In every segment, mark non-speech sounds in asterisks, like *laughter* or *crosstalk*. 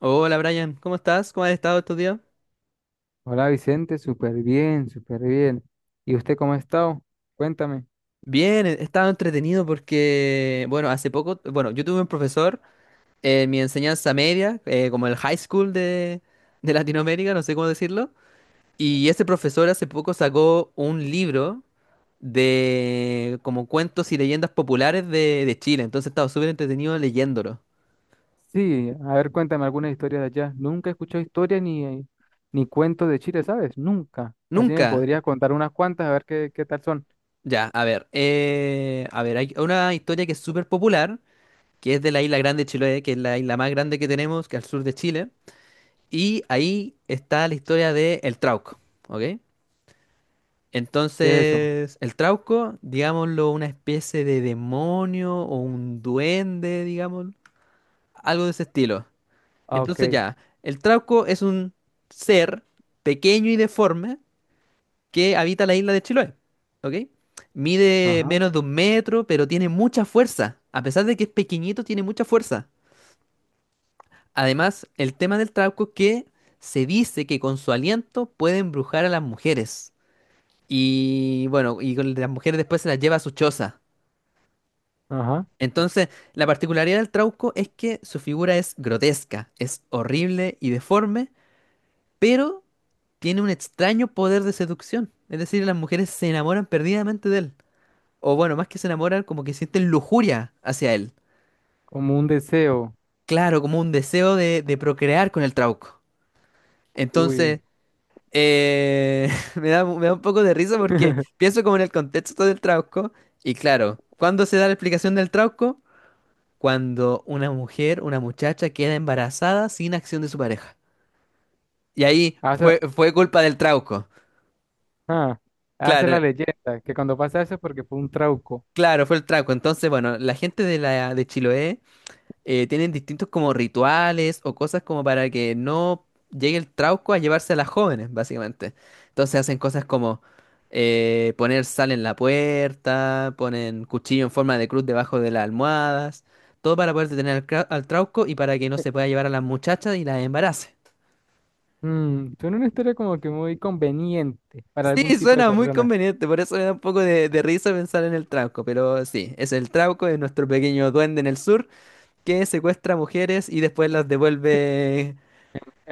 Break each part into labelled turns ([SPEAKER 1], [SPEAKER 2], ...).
[SPEAKER 1] Hola Brian, ¿cómo estás? ¿Cómo has estado estos días?
[SPEAKER 2] Hola Vicente, súper bien, súper bien. ¿Y usted cómo ha estado? Cuéntame.
[SPEAKER 1] Bien, he estado entretenido porque, bueno, hace poco, bueno, yo tuve un profesor en mi enseñanza media, como el high school de Latinoamérica, no sé cómo decirlo, y ese profesor hace poco sacó un libro de como cuentos y leyendas populares de Chile, entonces he estado súper entretenido leyéndolo.
[SPEAKER 2] Sí, a ver, cuéntame alguna historia de allá. Nunca he escuchado historia ni, ni cuentos de Chile, ¿sabes? Nunca. Así me
[SPEAKER 1] Nunca.
[SPEAKER 2] podrías contar unas cuantas, a ver qué, qué tal son.
[SPEAKER 1] Ya, a ver, hay una historia que es súper popular que es de la isla Grande de Chiloé, que es la isla más grande que tenemos, que al sur de Chile. Y ahí está la historia de el Trauco, ¿ok?
[SPEAKER 2] ¿Qué es eso?
[SPEAKER 1] Entonces, el Trauco, digámoslo, una especie de demonio o un duende, digamos, algo de ese estilo.
[SPEAKER 2] Ah, ok.
[SPEAKER 1] Entonces ya, el Trauco es un ser pequeño y deforme que habita la isla de Chiloé, ¿ok? Mide
[SPEAKER 2] Ajá,
[SPEAKER 1] menos de un metro, pero tiene mucha fuerza. A pesar de que es pequeñito, tiene mucha fuerza. Además, el tema del trauco que se dice que con su aliento puede embrujar a las mujeres. Y bueno, y con las mujeres después se las lleva a su choza.
[SPEAKER 2] ajá.
[SPEAKER 1] Entonces, la particularidad del trauco es que su figura es grotesca, es horrible y deforme, pero tiene un extraño poder de seducción. Es decir, las mujeres se enamoran perdidamente de él. O bueno, más que se enamoran, como que sienten lujuria hacia él.
[SPEAKER 2] Como un deseo.
[SPEAKER 1] Claro, como un deseo de procrear con el trauco. Entonces,
[SPEAKER 2] Uy.
[SPEAKER 1] Eh, *laughs* me da un poco de risa porque
[SPEAKER 2] *laughs*
[SPEAKER 1] pienso como en el contexto del trauco y claro, ¿cuándo se da la explicación del trauco? Cuando una mujer, una muchacha queda embarazada sin acción de su pareja. Y ahí
[SPEAKER 2] Hace,
[SPEAKER 1] fue culpa del trauco.
[SPEAKER 2] ah, hace
[SPEAKER 1] Claro,
[SPEAKER 2] la leyenda, que cuando pasa eso es porque fue un trauco.
[SPEAKER 1] claro, fue el trauco. Entonces, bueno, la gente de la de Chiloé tienen distintos como rituales o cosas como para que no llegue el trauco a llevarse a las jóvenes, básicamente. Entonces hacen cosas como poner sal en la puerta, ponen cuchillo en forma de cruz debajo de las almohadas, todo para poder detener al trauco y para que no se pueda llevar a las muchachas y las embarace. *laughs*
[SPEAKER 2] Mm, suena una historia como que muy conveniente para
[SPEAKER 1] Sí,
[SPEAKER 2] algún tipo de
[SPEAKER 1] suena muy
[SPEAKER 2] personas
[SPEAKER 1] conveniente, por eso me da un poco de risa pensar en el trauco, pero sí, es el trauco, es nuestro pequeño duende en el sur que secuestra mujeres y después las devuelve.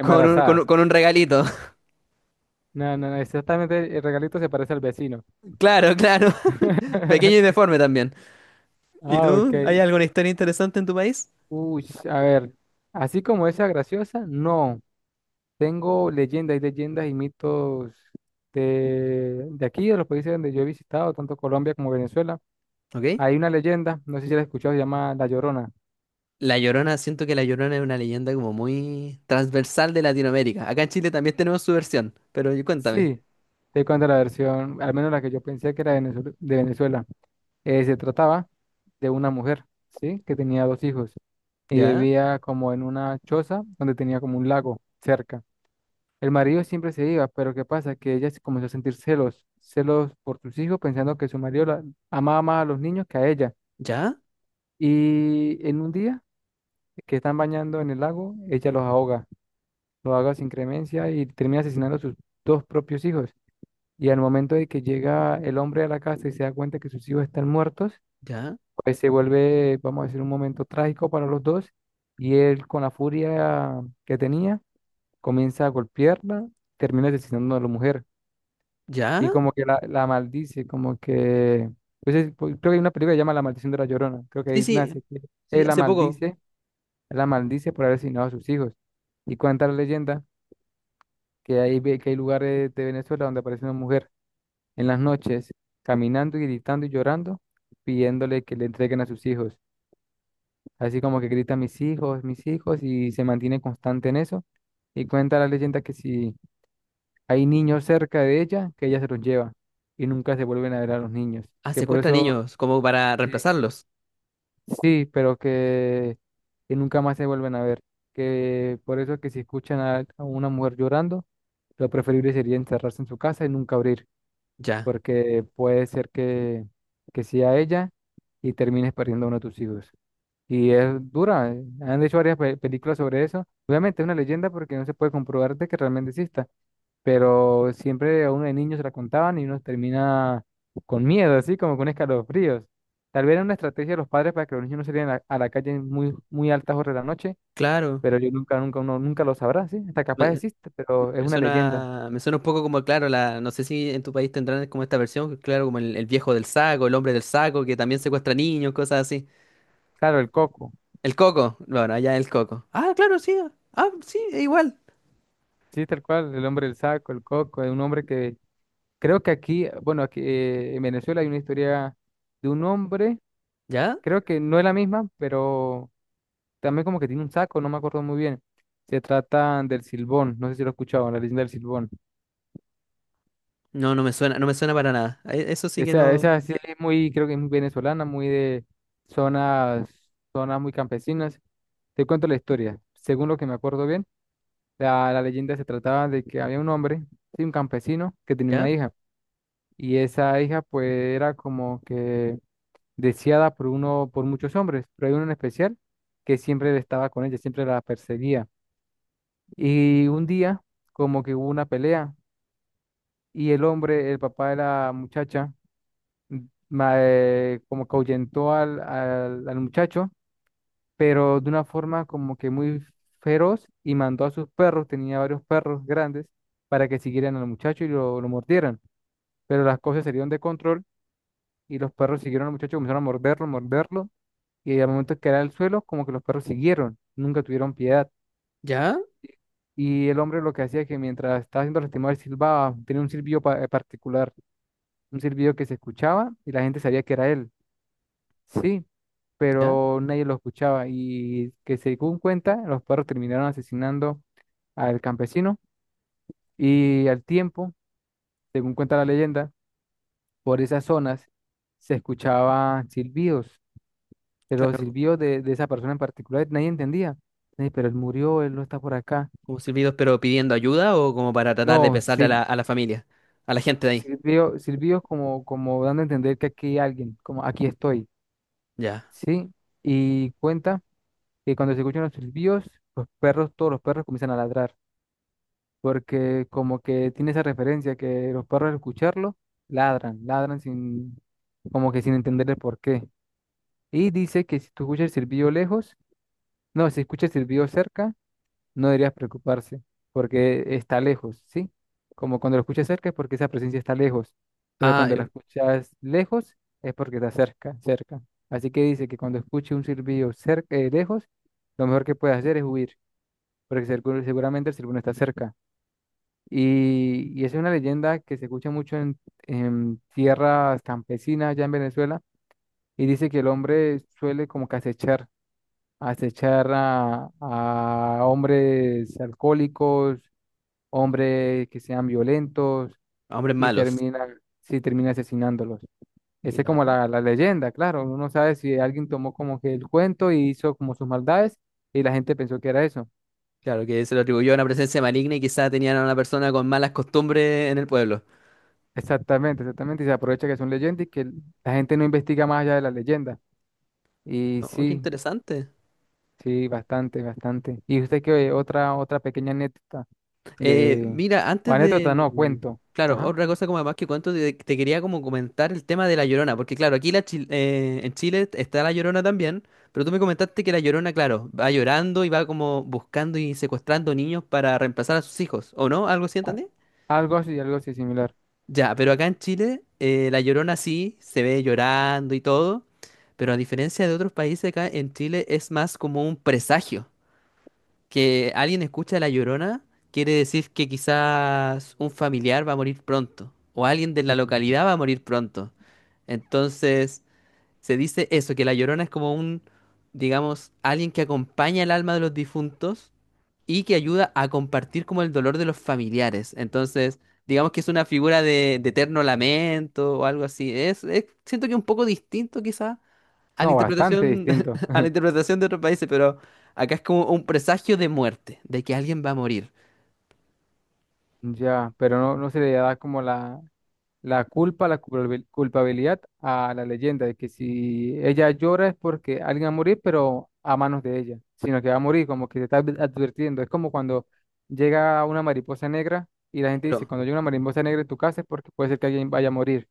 [SPEAKER 1] Con un regalito. *laughs*
[SPEAKER 2] No, no, no, exactamente el regalito se parece al vecino.
[SPEAKER 1] Claro, claro. *laughs* Pequeño y
[SPEAKER 2] *laughs*
[SPEAKER 1] deforme también. ¿Y
[SPEAKER 2] Ah, ok.
[SPEAKER 1] tú? ¿Hay alguna historia interesante en tu país?
[SPEAKER 2] Uy, a ver, así como esa graciosa, no. Tengo leyendas y leyendas y mitos de aquí, de los países donde yo he visitado, tanto Colombia como Venezuela.
[SPEAKER 1] ¿Ok?
[SPEAKER 2] Hay una leyenda, no sé si la has escuchado, se llama La Llorona.
[SPEAKER 1] La Llorona, siento que La Llorona es una leyenda como muy transversal de Latinoamérica. Acá en Chile también tenemos su versión, pero cuéntame.
[SPEAKER 2] Sí, te cuento la versión, al menos la que yo pensé que era de Venezuela. De Venezuela. Se trataba de una mujer, ¿sí? Que tenía dos hijos. Y
[SPEAKER 1] ¿Ya?
[SPEAKER 2] vivía como en una choza donde tenía como un lago cerca. El marido siempre se iba, pero ¿qué pasa? Que ella se comenzó a sentir celos, celos por sus hijos, pensando que su marido la amaba más a los niños que a ella.
[SPEAKER 1] ¿Ya?
[SPEAKER 2] Y en un día que están bañando en el lago, ella los ahoga sin cremencia y termina asesinando a sus dos propios hijos. Y al momento de que llega el hombre a la casa y se da cuenta que sus hijos están muertos,
[SPEAKER 1] ¿Ya?
[SPEAKER 2] pues se vuelve, vamos a decir, un momento trágico para los dos. Y él, con la furia que tenía, comienza a golpearla, termina asesinando a la mujer
[SPEAKER 1] ¿Ya?
[SPEAKER 2] y como que la maldice, como que... Entonces, pues, creo que hay una película que se llama La Maldición de la Llorona, creo que
[SPEAKER 1] Sí,
[SPEAKER 2] ahí
[SPEAKER 1] sí,
[SPEAKER 2] nace, que
[SPEAKER 1] sí,
[SPEAKER 2] él la
[SPEAKER 1] hace poco.
[SPEAKER 2] maldice, él la maldice por haber asesinado a sus hijos. Y cuenta la leyenda que hay, que hay lugares de Venezuela donde aparece una mujer en las noches caminando y gritando y llorando, pidiéndole que le entreguen a sus hijos. Así como que grita mis hijos y se mantiene constante en eso. Y cuenta la leyenda que si hay niños cerca de ella que ella se los lleva y nunca se vuelven a ver a los niños.
[SPEAKER 1] Ah,
[SPEAKER 2] Que por
[SPEAKER 1] secuestra
[SPEAKER 2] eso,
[SPEAKER 1] niños como para
[SPEAKER 2] sí,
[SPEAKER 1] reemplazarlos.
[SPEAKER 2] sí, pero que nunca más se vuelven a ver. Que por eso que si escuchan a una mujer llorando, lo preferible sería encerrarse en su casa y nunca abrir,
[SPEAKER 1] Ya,
[SPEAKER 2] porque puede ser que sea ella y termines perdiendo a uno de tus hijos. Y es dura, han hecho varias películas sobre eso. Obviamente es una leyenda porque no se puede comprobar de que realmente exista, pero siempre a uno de niño se la contaban y uno termina con miedo, así como con escalofríos. Tal vez era una estrategia de los padres para que los niños no salieran a la calle en muy, muy altas horas de la noche,
[SPEAKER 1] claro.
[SPEAKER 2] pero yo nunca, nunca, uno nunca lo sabrá, ¿sí? Hasta capaz
[SPEAKER 1] Me-
[SPEAKER 2] existe, pero es una leyenda.
[SPEAKER 1] Me suena un poco como, claro, la, no sé si en tu país tendrán como esta versión, claro, como el viejo del saco, el hombre del saco, que también secuestra niños, cosas así.
[SPEAKER 2] Claro, el coco,
[SPEAKER 1] El coco, bueno, allá el coco. Ah, claro, sí, ah, sí, es igual.
[SPEAKER 2] sí, tal cual, el hombre del saco, el coco, es un hombre que creo que aquí, bueno, aquí en Venezuela hay una historia de un hombre.
[SPEAKER 1] ¿Ya?
[SPEAKER 2] Creo que no es la misma, pero también como que tiene un saco, no me acuerdo muy bien. Se trata del Silbón, no sé si lo he escuchado, la leyenda del Silbón.
[SPEAKER 1] No, no me suena, no me suena para nada. Eso sí que
[SPEAKER 2] Esa,
[SPEAKER 1] no.
[SPEAKER 2] esa sí es muy, creo que es muy venezolana, muy de zonas, zonas muy campesinas. Te cuento la historia. Según lo que me acuerdo bien, la leyenda se trataba de que había un hombre, sí, un campesino, que tenía una
[SPEAKER 1] ¿Ya?
[SPEAKER 2] hija. Y esa hija pues era como que deseada por uno, por muchos hombres, pero hay uno en especial que siempre estaba con ella, siempre la perseguía. Y un día, como que hubo una pelea y el hombre, el papá de la muchacha, como que ahuyentó al, al, al muchacho, pero de una forma como que muy feroz y mandó a sus perros, tenía varios perros grandes, para que siguieran al muchacho y lo mordieran. Pero las cosas salieron de control y los perros siguieron al muchacho, comenzaron a morderlo, morderlo, y al momento que era al suelo, como que los perros siguieron, nunca tuvieron piedad.
[SPEAKER 1] ¿Ya?
[SPEAKER 2] Y el hombre lo que hacía es que mientras estaba haciendo lastimado, él silbaba, tenía un silbido particular, un silbido que se escuchaba y la gente sabía que era él, sí,
[SPEAKER 1] ¿Ya?
[SPEAKER 2] pero nadie lo escuchaba y que según cuenta, los perros terminaron asesinando al campesino y al tiempo, según cuenta la leyenda, por esas zonas se escuchaban silbidos, pero los
[SPEAKER 1] Claro,
[SPEAKER 2] silbidos de esa persona en particular nadie entendía, "Ey, pero él murió, él no está por acá."
[SPEAKER 1] como silbidos, pero pidiendo ayuda o como para tratar de
[SPEAKER 2] No,
[SPEAKER 1] pesarle a
[SPEAKER 2] sí,
[SPEAKER 1] la familia, a la gente de ahí.
[SPEAKER 2] sirvió, sirvió como, como dando a entender que aquí hay alguien, como aquí estoy,
[SPEAKER 1] Ya.
[SPEAKER 2] ¿sí? Y cuenta que cuando se escuchan los silbidos, los perros, todos los perros comienzan a ladrar, porque como que tiene esa referencia que los perros al escucharlo ladran, ladran sin, como que sin entender el porqué. Y dice que si tú escuchas el silbido lejos, no, si escuchas el silbido cerca, no deberías preocuparse porque está lejos, ¿sí? Como cuando lo escuchas cerca es porque esa presencia está lejos, pero
[SPEAKER 1] Ah,
[SPEAKER 2] cuando la
[SPEAKER 1] eh,
[SPEAKER 2] escuchas lejos es porque está cerca, cerca. Así que dice que cuando escuche un silbido cerca, lejos, lo mejor que puedes hacer es huir, porque seguramente el silbón está cerca. Y es una leyenda que se escucha mucho en tierras campesinas allá en Venezuela y dice que el hombre suele como que acechar acechar a hombres alcohólicos, hombres que sean violentos
[SPEAKER 1] hombres
[SPEAKER 2] y
[SPEAKER 1] malos.
[SPEAKER 2] termina, sí, termina asesinándolos. Esa es como
[SPEAKER 1] Mira.
[SPEAKER 2] la leyenda, claro. Uno no sabe si alguien tomó como que el cuento y hizo como sus maldades y la gente pensó que era eso.
[SPEAKER 1] Claro, que se lo atribuyó a una presencia maligna y quizá tenían a una persona con malas costumbres en el pueblo.
[SPEAKER 2] Exactamente, exactamente. Y se aprovecha que son leyendas y que la gente no investiga más allá de la leyenda. Y
[SPEAKER 1] No, qué
[SPEAKER 2] sí,
[SPEAKER 1] interesante.
[SPEAKER 2] sí, bastante, bastante. ¿Y usted qué otra, otra pequeña anécdota de,
[SPEAKER 1] Mira,
[SPEAKER 2] o
[SPEAKER 1] antes
[SPEAKER 2] anécdota no,
[SPEAKER 1] de...
[SPEAKER 2] cuento?
[SPEAKER 1] Claro,
[SPEAKER 2] Ajá.
[SPEAKER 1] otra cosa como además que cuento, te quería como comentar el tema de La Llorona, porque claro, aquí la en Chile está La Llorona también, pero tú me comentaste que La Llorona, claro, va llorando y va como buscando y secuestrando niños para reemplazar a sus hijos, ¿o no? ¿Algo así
[SPEAKER 2] a-
[SPEAKER 1] entendí?
[SPEAKER 2] Algo así similar.
[SPEAKER 1] Ya, pero acá en Chile, la Llorona sí se ve llorando y todo, pero a diferencia de otros países, acá en Chile es más como un presagio. Que alguien escucha la Llorona quiere decir que quizás un familiar va a morir pronto, o alguien de la localidad va a morir pronto. Entonces, se dice eso, que la Llorona es como un, digamos, alguien que acompaña el alma de los difuntos y que ayuda a compartir como el dolor de los familiares. Entonces, digamos que es una figura de eterno lamento o algo así. Siento que un poco distinto quizá a la
[SPEAKER 2] No, bastante
[SPEAKER 1] interpretación,
[SPEAKER 2] distinto.
[SPEAKER 1] *laughs* a la
[SPEAKER 2] *laughs*
[SPEAKER 1] interpretación de otros países, pero acá es como un presagio de muerte, de que alguien va a morir.
[SPEAKER 2] Ya, pero no, no se le da como la culpa, la culpabilidad a la leyenda de que si ella llora es porque alguien va a morir, pero a manos de ella, sino que va a morir, como que se está advirtiendo. Es como cuando llega una mariposa negra y la gente dice,
[SPEAKER 1] Pero,
[SPEAKER 2] cuando llega una mariposa negra en tu casa es porque puede ser que alguien vaya a morir,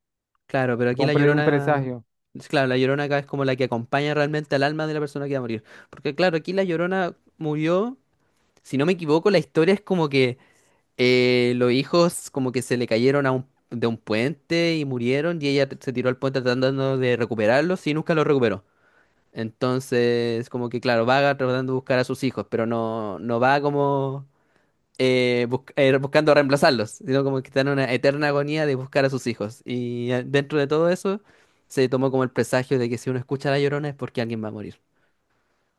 [SPEAKER 1] claro, pero aquí
[SPEAKER 2] como un
[SPEAKER 1] la
[SPEAKER 2] un
[SPEAKER 1] Llorona,
[SPEAKER 2] presagio.
[SPEAKER 1] es claro, la Llorona acá es como la que acompaña realmente al alma de la persona que va a morir. Porque claro, aquí la Llorona murió, si no me equivoco, la historia es como que los hijos como que se le cayeron a un, de un puente y murieron y ella se tiró al puente tratando de recuperarlos y nunca los recuperó. Entonces, como que claro, vaga tratando de buscar a sus hijos, pero no, no va como buscando reemplazarlos, sino como que está en una eterna agonía de buscar a sus hijos. Y dentro de todo eso, se tomó como el presagio de que si uno escucha a La Llorona es porque alguien va a morir.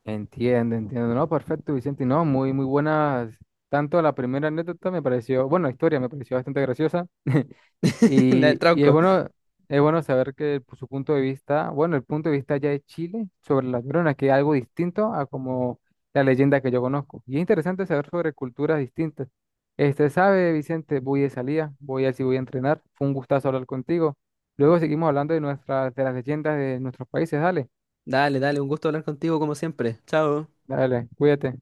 [SPEAKER 2] Entiendo, entiendo. No, perfecto, Vicente. No, muy, muy buenas. Tanto la primera anécdota me pareció, bueno, la historia me pareció bastante graciosa. *laughs*
[SPEAKER 1] *laughs* Dale,
[SPEAKER 2] Y, y
[SPEAKER 1] Trauco,
[SPEAKER 2] es bueno saber que pues, su punto de vista, bueno, el punto de vista ya de Chile sobre las neuronas, que es algo distinto a como la leyenda que yo conozco. Y es interesante saber sobre culturas distintas. Este, sabe, Vicente, voy de salida, voy a ver si voy a entrenar. Fue un gustazo hablar contigo. Luego seguimos hablando de nuestras, de las leyendas de nuestros países. Dale,
[SPEAKER 1] dale, dale, un gusto hablar contigo como siempre. Chao.
[SPEAKER 2] dale, cuídate.